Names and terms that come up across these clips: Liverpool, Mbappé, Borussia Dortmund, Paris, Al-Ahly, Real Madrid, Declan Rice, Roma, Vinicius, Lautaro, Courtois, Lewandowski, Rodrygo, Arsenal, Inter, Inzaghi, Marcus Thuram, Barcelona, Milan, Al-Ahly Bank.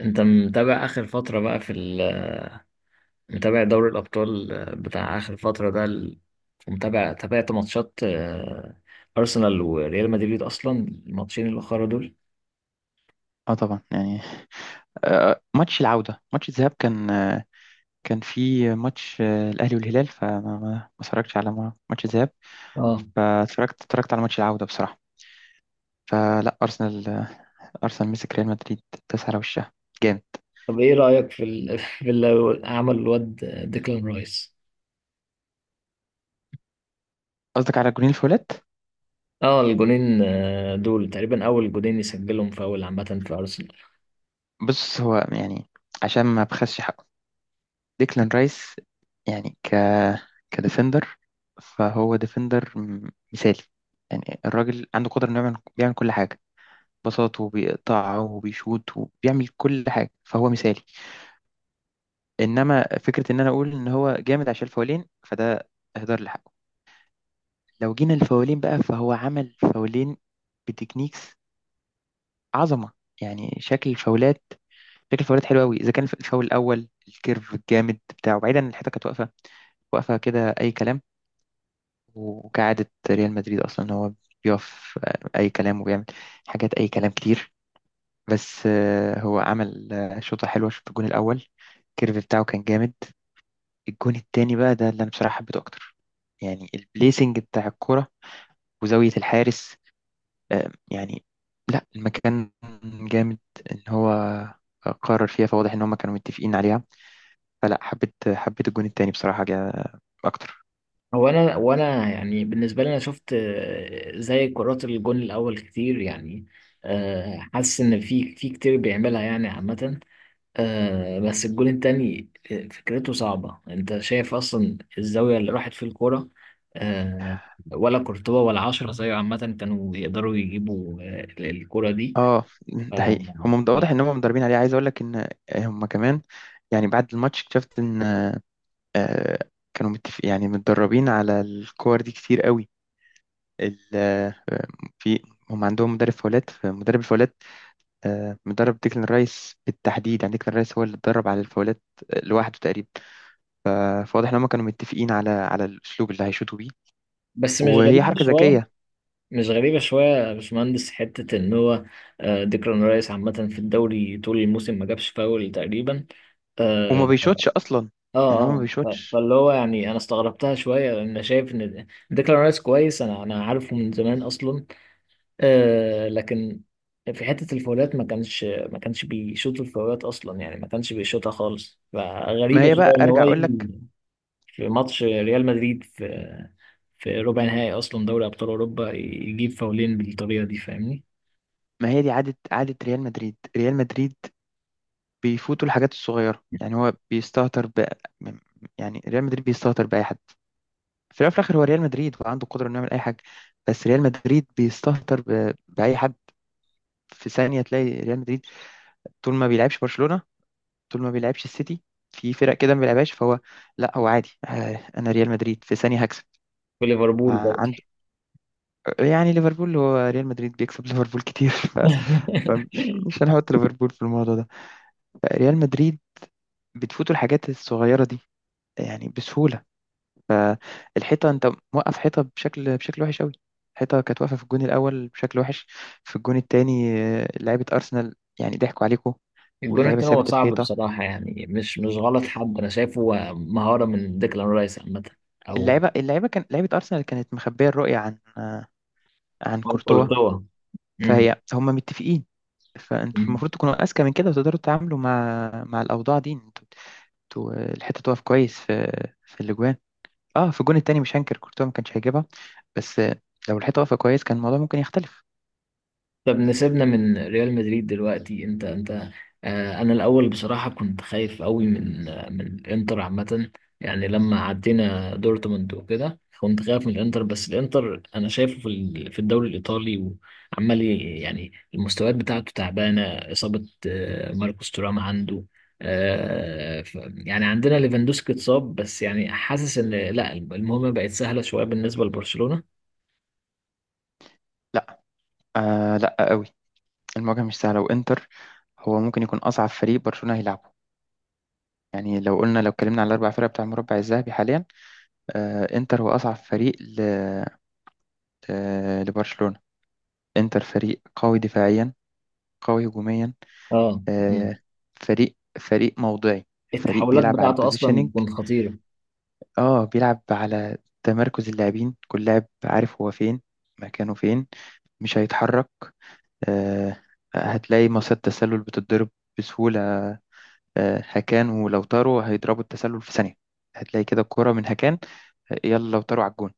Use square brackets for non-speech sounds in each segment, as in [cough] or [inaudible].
انت متابع اخر فترة بقى في ال... متابع دوري الابطال، بتاع اخر فترة ده ال... ومتابع تابعت ماتشات ارسنال وريال مدريد اصلا، الماتشين الاخرى دول. اه طبعا يعني. ماتش العودة ماتش الذهاب كان في ماتش، الأهلي والهلال، فما ما ما اتفرجتش على ماتش الذهاب. اه فاتفرجت على ماتش العودة بصراحة. فلا أرسنال مسك ريال مدريد، داس على وشها جامد. طب ايه رأيك في ال... [laughs] في اللي عمل الواد ديكلان رايس. قصدك على جونين الفولات؟ اه الجونين دول تقريبا اول جونين يسجلهم فاول عامة في ارسنال. بص، هو يعني عشان ما بخسش حقه، ديكلان رايس يعني كديفندر، فهو ديفندر مثالي. يعني الراجل عنده قدرة إنه يعمل كل حاجة، بساط وبيقطع وبيشوط وبيعمل كل حاجة، فهو مثالي. إنما فكرة إن أنا أقول إن هو جامد عشان الفاولين، فده إهدار لحقه. لو جينا الفاولين بقى، فهو عمل فاولين بتكنيكس عظمة. يعني شكل الفاولات حلو قوي. إذا كان الفاول الأول، الكيرف الجامد بتاعه، بعيدا عن الحتة كانت واقفة كده أي كلام. وكعادة ريال مدريد أصلا، هو بيقف أي كلام، وبيعمل حاجات أي كلام كتير. بس، هو عمل شوطة حلوة في الجون الأول، الكيرف بتاعه كان جامد. الجون التاني بقى ده اللي أنا بصراحة حبيته أكتر. يعني البليسنج بتاع الكرة، وزاوية الحارس، يعني لا، المكان جامد. إن هو قرر فيها، فواضح إن هما كانوا متفقين عليها. فلا، حبيت الجون التاني بصراحة جا أكتر. هو انا يعني بالنسبة لي انا شفت زي كرات الجون الاول كتير يعني، حاسس ان في كتير بيعملها يعني عامة. آه بس الجول التاني فكرته صعبة، انت شايف اصلا الزاوية اللي راحت في الكورة؟ آه، ولا كورتوا ولا عشرة زيه عامة كانوا يقدروا يجيبوا آه الكورة دي. اه ف... ده حقيقي، هم ف- واضح ان هم مدربين عليه. عايز اقول لك ان هم كمان، يعني بعد الماتش اكتشفت ان، آه، كانوا متفق يعني متدربين على الكور دي كتير قوي. ال- آه، في، هم عندهم مدرب فاولات، فمدرب الفاولات مدرب ديكلان رايس بالتحديد. يعني ديكلان رايس هو اللي اتدرب على الفاولات لوحده تقريبا. فواضح ان هم كانوا متفقين على الاسلوب اللي هيشوطوا بيه. بس مش وهي غريبة حركه شوية؟ ذكيه. مش غريبة شوية يا باشمهندس حتة ان هو آه ديكلان رايس عامة في الدوري طول الموسم ما جابش فاول تقريبا. وما اه بيشوطش اصلا، اه يعني هو ما بيشوطش. فاللي هو يعني انا استغربتها شويه، انا شايف ان ديكلان رايس كويس، انا عارفه من زمان اصلا، آه لكن في حتة الفاولات ما كانش بيشوط الفاولات أصلا، يعني ما كانش بيشوطها خالص، ما فغريبة هي بقى، شوية إن ارجع هو اقول يجي لك، في ماتش ريال مدريد في في ربع نهائي أصلا دوري أبطال أوروبا يجيب فاولين بالطريقة دي، فاهمني؟ ما هي دي عاده ريال مدريد بيفوتوا الحاجات الصغيره، يعني هو بيستهتر يعني ريال مدريد بيستهتر باي حد. في الأول وفي الآخر هو ريال مدريد، وعنده القدرة إنه يعمل أي حاجة، بس ريال مدريد بيستهتر بأي حد. في ثانية تلاقي ريال مدريد، طول ما بيلعبش برشلونة، طول ما بيلعبش السيتي، في فرق كده ما بيلعبهاش، فهو لا، هو عادي، أنا ريال مدريد في ثانية هكسب. في ليفربول مع برضه. عنده، يعني ليفربول، هو ريال مدريد بيكسب ليفربول كتير [laughs] ف... فمش [laughs] مش هنحط ليفربول في الموضوع ده. ريال مدريد بتفوتوا الحاجات الصغيرة دي، يعني بسهولة. فالحيطه، انت موقف حيطه بشكل وحش قوي. الحيطه كانت واقفه في الجون الاول بشكل وحش. في الجون الثاني، لعيبه ارسنال يعني ضحكوا عليكم. الجون واللعيبه التاني هو سابت صعب الحيطه. بصراحة، يعني مش مش غلط حد، أنا شايفه مهارة من ديكلان رايس عامة. أو اللعيبه اللعيبه كان لعيبه ارسنال كانت مخبيه الرؤيه عن أو كورتوا. كورتوا. فهي هم متفقين. فانتوا مم. المفروض تكونوا اذكى من كده، وتقدروا تتعاملوا مع الاوضاع دي. انتوا الحته تقف كويس في الاجوان. اه في الجون التاني مش هنكر، كورتوا ما كانش هيجيبها. بس لو الحته واقفه كويس، كان الموضوع ممكن يختلف. طب نسيبنا من ريال مدريد دلوقتي، انت آه انا الاول بصراحه كنت خايف قوي من آه من الانتر عامه، يعني لما عدينا دورتموند وكده كنت خايف من الانتر، بس الانتر انا شايفه في ال- في الدوري الايطالي وعمال يعني المستويات بتاعته تعبانه، اصابه آه ماركوس تورام عنده. آه ف- يعني عندنا ليفاندوسكي اتصاب، بس يعني حاسس ان لا المهمه بقت سهله شويه بالنسبه لبرشلونه. آه لا قوي، المواجهة مش سهلة، وإنتر هو ممكن يكون أصعب فريق برشلونة هيلعبه. يعني لو اتكلمنا على الأربع فرق بتاع المربع الذهبي حاليا، آه إنتر هو أصعب فريق ل... آه لبرشلونة. إنتر فريق قوي دفاعيا، قوي هجوميا، اه. مم. آه فريق موضعي. فريق التحولات بيلعب على بتاعته اصلا البوزيشننج، بتكون خطيره. اه بيلعب على تمركز اللاعبين. كل لاعب عارف هو فين، مكانه فين، مش هيتحرك. آه هتلاقي مصيدة تسلل بتتضرب بسهولة. هكان ولوتارو هيضربوا التسلل في ثانية. هتلاقي كده الكرة من هكان، يلا لوتارو على الجون.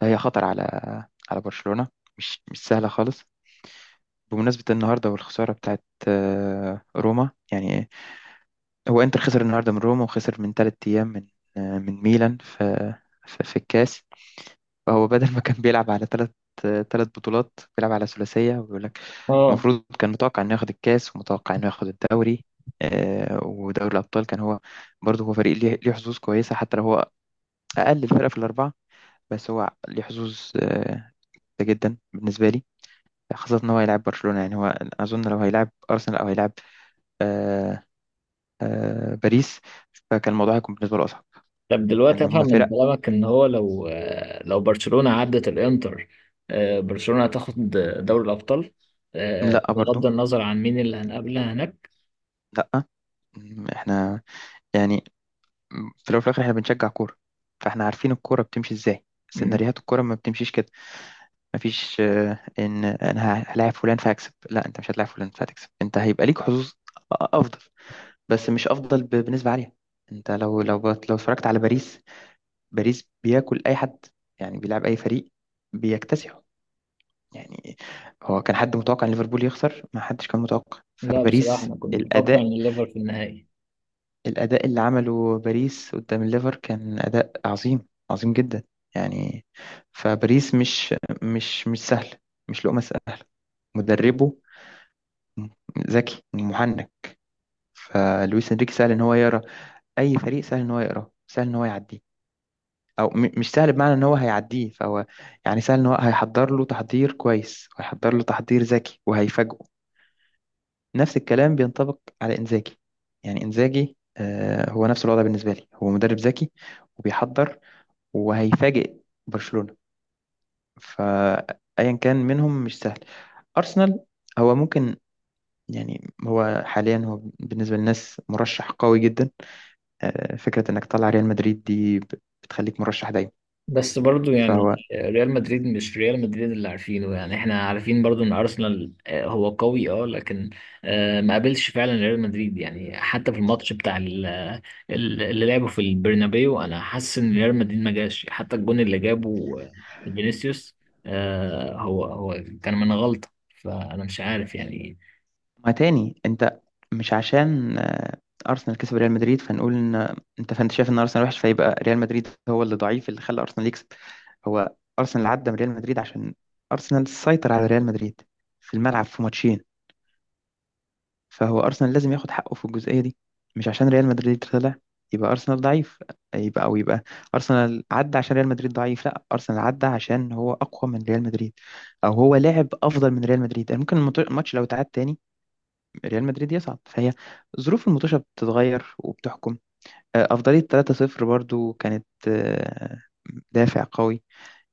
فهي خطر على برشلونة، مش سهلة خالص. بمناسبة النهاردة والخسارة بتاعت روما، يعني هو انتر خسر النهاردة من روما، وخسر من تلات أيام من ميلان في الكاس. هو بدل ما كان بيلعب على ثلاث بطولات، بيلعب على ثلاثية، وبيقول لك اه المفروض كان متوقع انه ياخد الكاس، ومتوقع انه ياخد الدوري، ودوري الابطال كان هو. برضه هو فريق ليه حظوظ كويسة، حتى لو هو اقل الفرق في الاربعة. بس هو ليه حظوظ آه، جدا بالنسبة لي، خاصة ان هو هيلاعب برشلونة. يعني هو اظن لو هيلاعب ارسنال، او هيلاعب، آه، باريس، فكان الموضوع هيكون بالنسبة له اصعب. طب دلوقتي ان هم افهم من فرق، كلامك ان هو لو لو برشلونة عدت الانتر، برشلونة هتاخد دوري الابطال، لا برضه، بغض النظر عن مين اللي هنقابلها هناك؟ لا احنا، يعني في الأول وفي الآخر إحنا بنشجع كورة. فإحنا عارفين الكورة بتمشي إزاي، مم. سيناريوهات الكورة ما بتمشيش كده. مفيش إن أنا هلاعب فلان فهكسب، لا، أنت مش هتلاعب فلان فهتكسب، أنت هيبقى ليك حظوظ أفضل، بس مش أفضل بنسبة عالية. أنت لو، لو اتفرجت على باريس، باريس بياكل أي حد. يعني بيلعب أي فريق بيكتسحه. يعني هو كان حد متوقع إن ليفربول يخسر؟ ما حدش كان متوقع. لا بصراحة فباريس انا كنت متوقع ان الأداء الليفر في النهائي. الأداء اللي عمله باريس قدام الليفر كان أداء عظيم عظيم جدا. يعني فباريس مش سهل، مش لقمة سهلة. مدربه ذكي محنك، فلويس انريكي سهل ان هو يقرا اي فريق، سهل ان هو يقراه، سهل ان هو يعديه، او مش سهل بمعنى ان هو هيعديه، فهو يعني سهل ان هو هيحضر له تحضير كويس، وهيحضر له تحضير ذكي، وهيفاجئه. نفس الكلام بينطبق على انزاجي. يعني انزاجي هو نفس الوضع بالنسبة لي، هو مدرب ذكي، وبيحضر، وهيفاجئ برشلونة. فأيا كان منهم مش سهل. أرسنال هو ممكن، يعني هو حاليا، هو بالنسبة للناس مرشح قوي جدا. فكرة إنك تطلع ريال مدريد دي بتخليك مرشح دايما. بس برضو يعني فهو، ريال مدريد مش ريال مدريد اللي عارفينه، يعني احنا عارفين برضو ان ارسنال هو قوي اه، لكن ما قابلش فعلا ريال مدريد. يعني حتى في الماتش بتاع اللي لعبه في البرنابيو انا حاسس ان ريال مدريد ما جاش، حتى الجون اللي جابه فينيسيوس، هو كان من غلطة، فانا مش عارف يعني. ما تاني أنت، مش عشان أرسنال كسب ريال مدريد فنقول إن أنت، فأنت شايف إن أرسنال وحش فيبقى ريال مدريد هو اللي ضعيف اللي خلى أرسنال يكسب. هو أرسنال عدى من ريال مدريد عشان أرسنال سيطر على ريال مدريد في الملعب في ماتشين. فهو أرسنال لازم ياخد حقه في الجزئية دي. مش عشان ريال مدريد طلع يبقى أرسنال ضعيف، يبقى أرسنال عدى عشان ريال مدريد ضعيف. لا، أرسنال عدى عشان هو أقوى من ريال مدريد، أو هو لاعب أفضل من ريال مدريد. يعني ممكن الماتش لو اتعاد تاني، ريال مدريد يصعد. فهي ظروف المطوشة بتتغير وبتحكم. أفضلية 3-0 برضو كانت دافع قوي.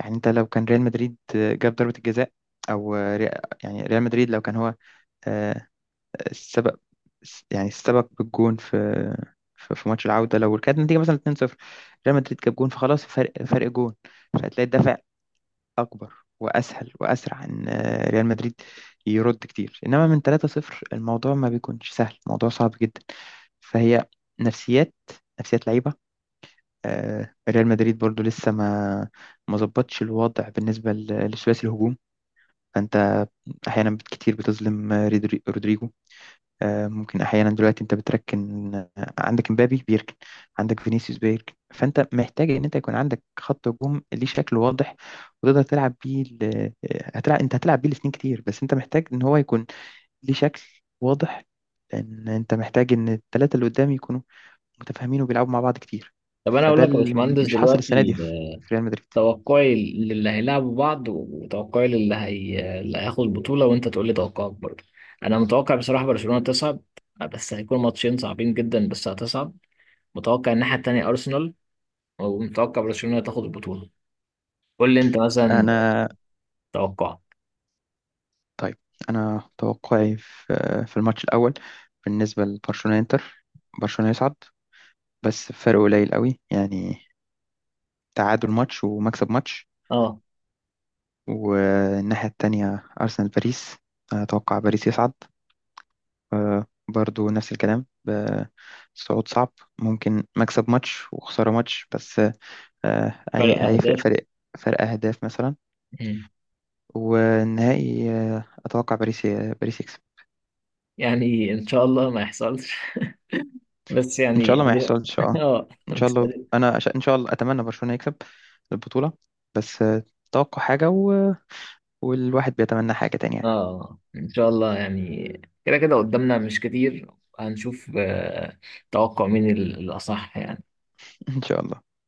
يعني أنت لو كان ريال مدريد جاب ضربة الجزاء، أو يعني ريال مدريد لو كان هو آه، السبق، يعني السبق بالجون في في ماتش العودة، لو كانت النتيجة مثلا 2-0، ريال مدريد جاب جون، فخلاص فرق جون، فهتلاقي الدفع أكبر وأسهل وأسرع إن ريال مدريد يرد كتير. إنما من 3-0 الموضوع ما بيكونش سهل، الموضوع صعب جدا. فهي نفسيات نفسيات لعيبة. ريال مدريد برضو لسه ما ظبطش الوضع بالنسبة لثلاثي الهجوم. فأنت أحيانا كتير بتظلم رودريجو. ممكن احيانا دلوقتي انت بتركن، عندك مبابي بيركن، عندك فينيسيوس بيركن، فانت محتاج ان انت يكون عندك خط هجوم ليه شكل واضح، وتقدر تلعب بيه هتلعب، انت هتلعب بيه الاثنين كتير، بس انت محتاج ان هو يكون ليه شكل واضح. لان انت محتاج ان الثلاثه اللي قدام يكونوا متفاهمين، وبيلعبوا مع بعض كتير. طب انا اقول فده لك يا اللي باشمهندس مش حاصل السنه دي دلوقتي في ريال مدريد. توقعي للي هيلعبوا بعض وتوقعي للي اللي هياخد البطولة، وانت تقول لي توقعك برضه. انا متوقع بصراحة برشلونة تصعد، بس هيكون ماتشين صعبين جدا، بس هتصعد. متوقع الناحية التانية ارسنال، ومتوقع برشلونة تاخد البطولة. قول لي انت مثلا انا توقعك. طيب، انا توقعي في في الماتش الاول بالنسبه لبرشلونه انتر، برشلونه يصعد، بس فرق قليل قوي، يعني تعادل ماتش ومكسب ماتش. اه. والناحية التانية أرسنال باريس، أتوقع باريس يصعد، برضو نفس الكلام، صعود صعب، ممكن مكسب ماتش وخسارة ماتش، بس فرق هيفرق اهداف. فرق. فرق أهداف مثلا. مم. والنهائي أتوقع باريس يكسب يعني ان شاء الله ما يحصلش. [laughs] بس إن شاء يعني الله، ما يحصلش [laughs] اه. اه إن شاء بس الله أنا إن شاء الله أتمنى برشلونة يكسب البطولة. بس توقع حاجة والواحد بيتمنى حاجة تانية. اه ان شاء الله يعني، كده كده قدامنا مش كتير، هنشوف توقع مين الاصح يعني. ان شاء الله.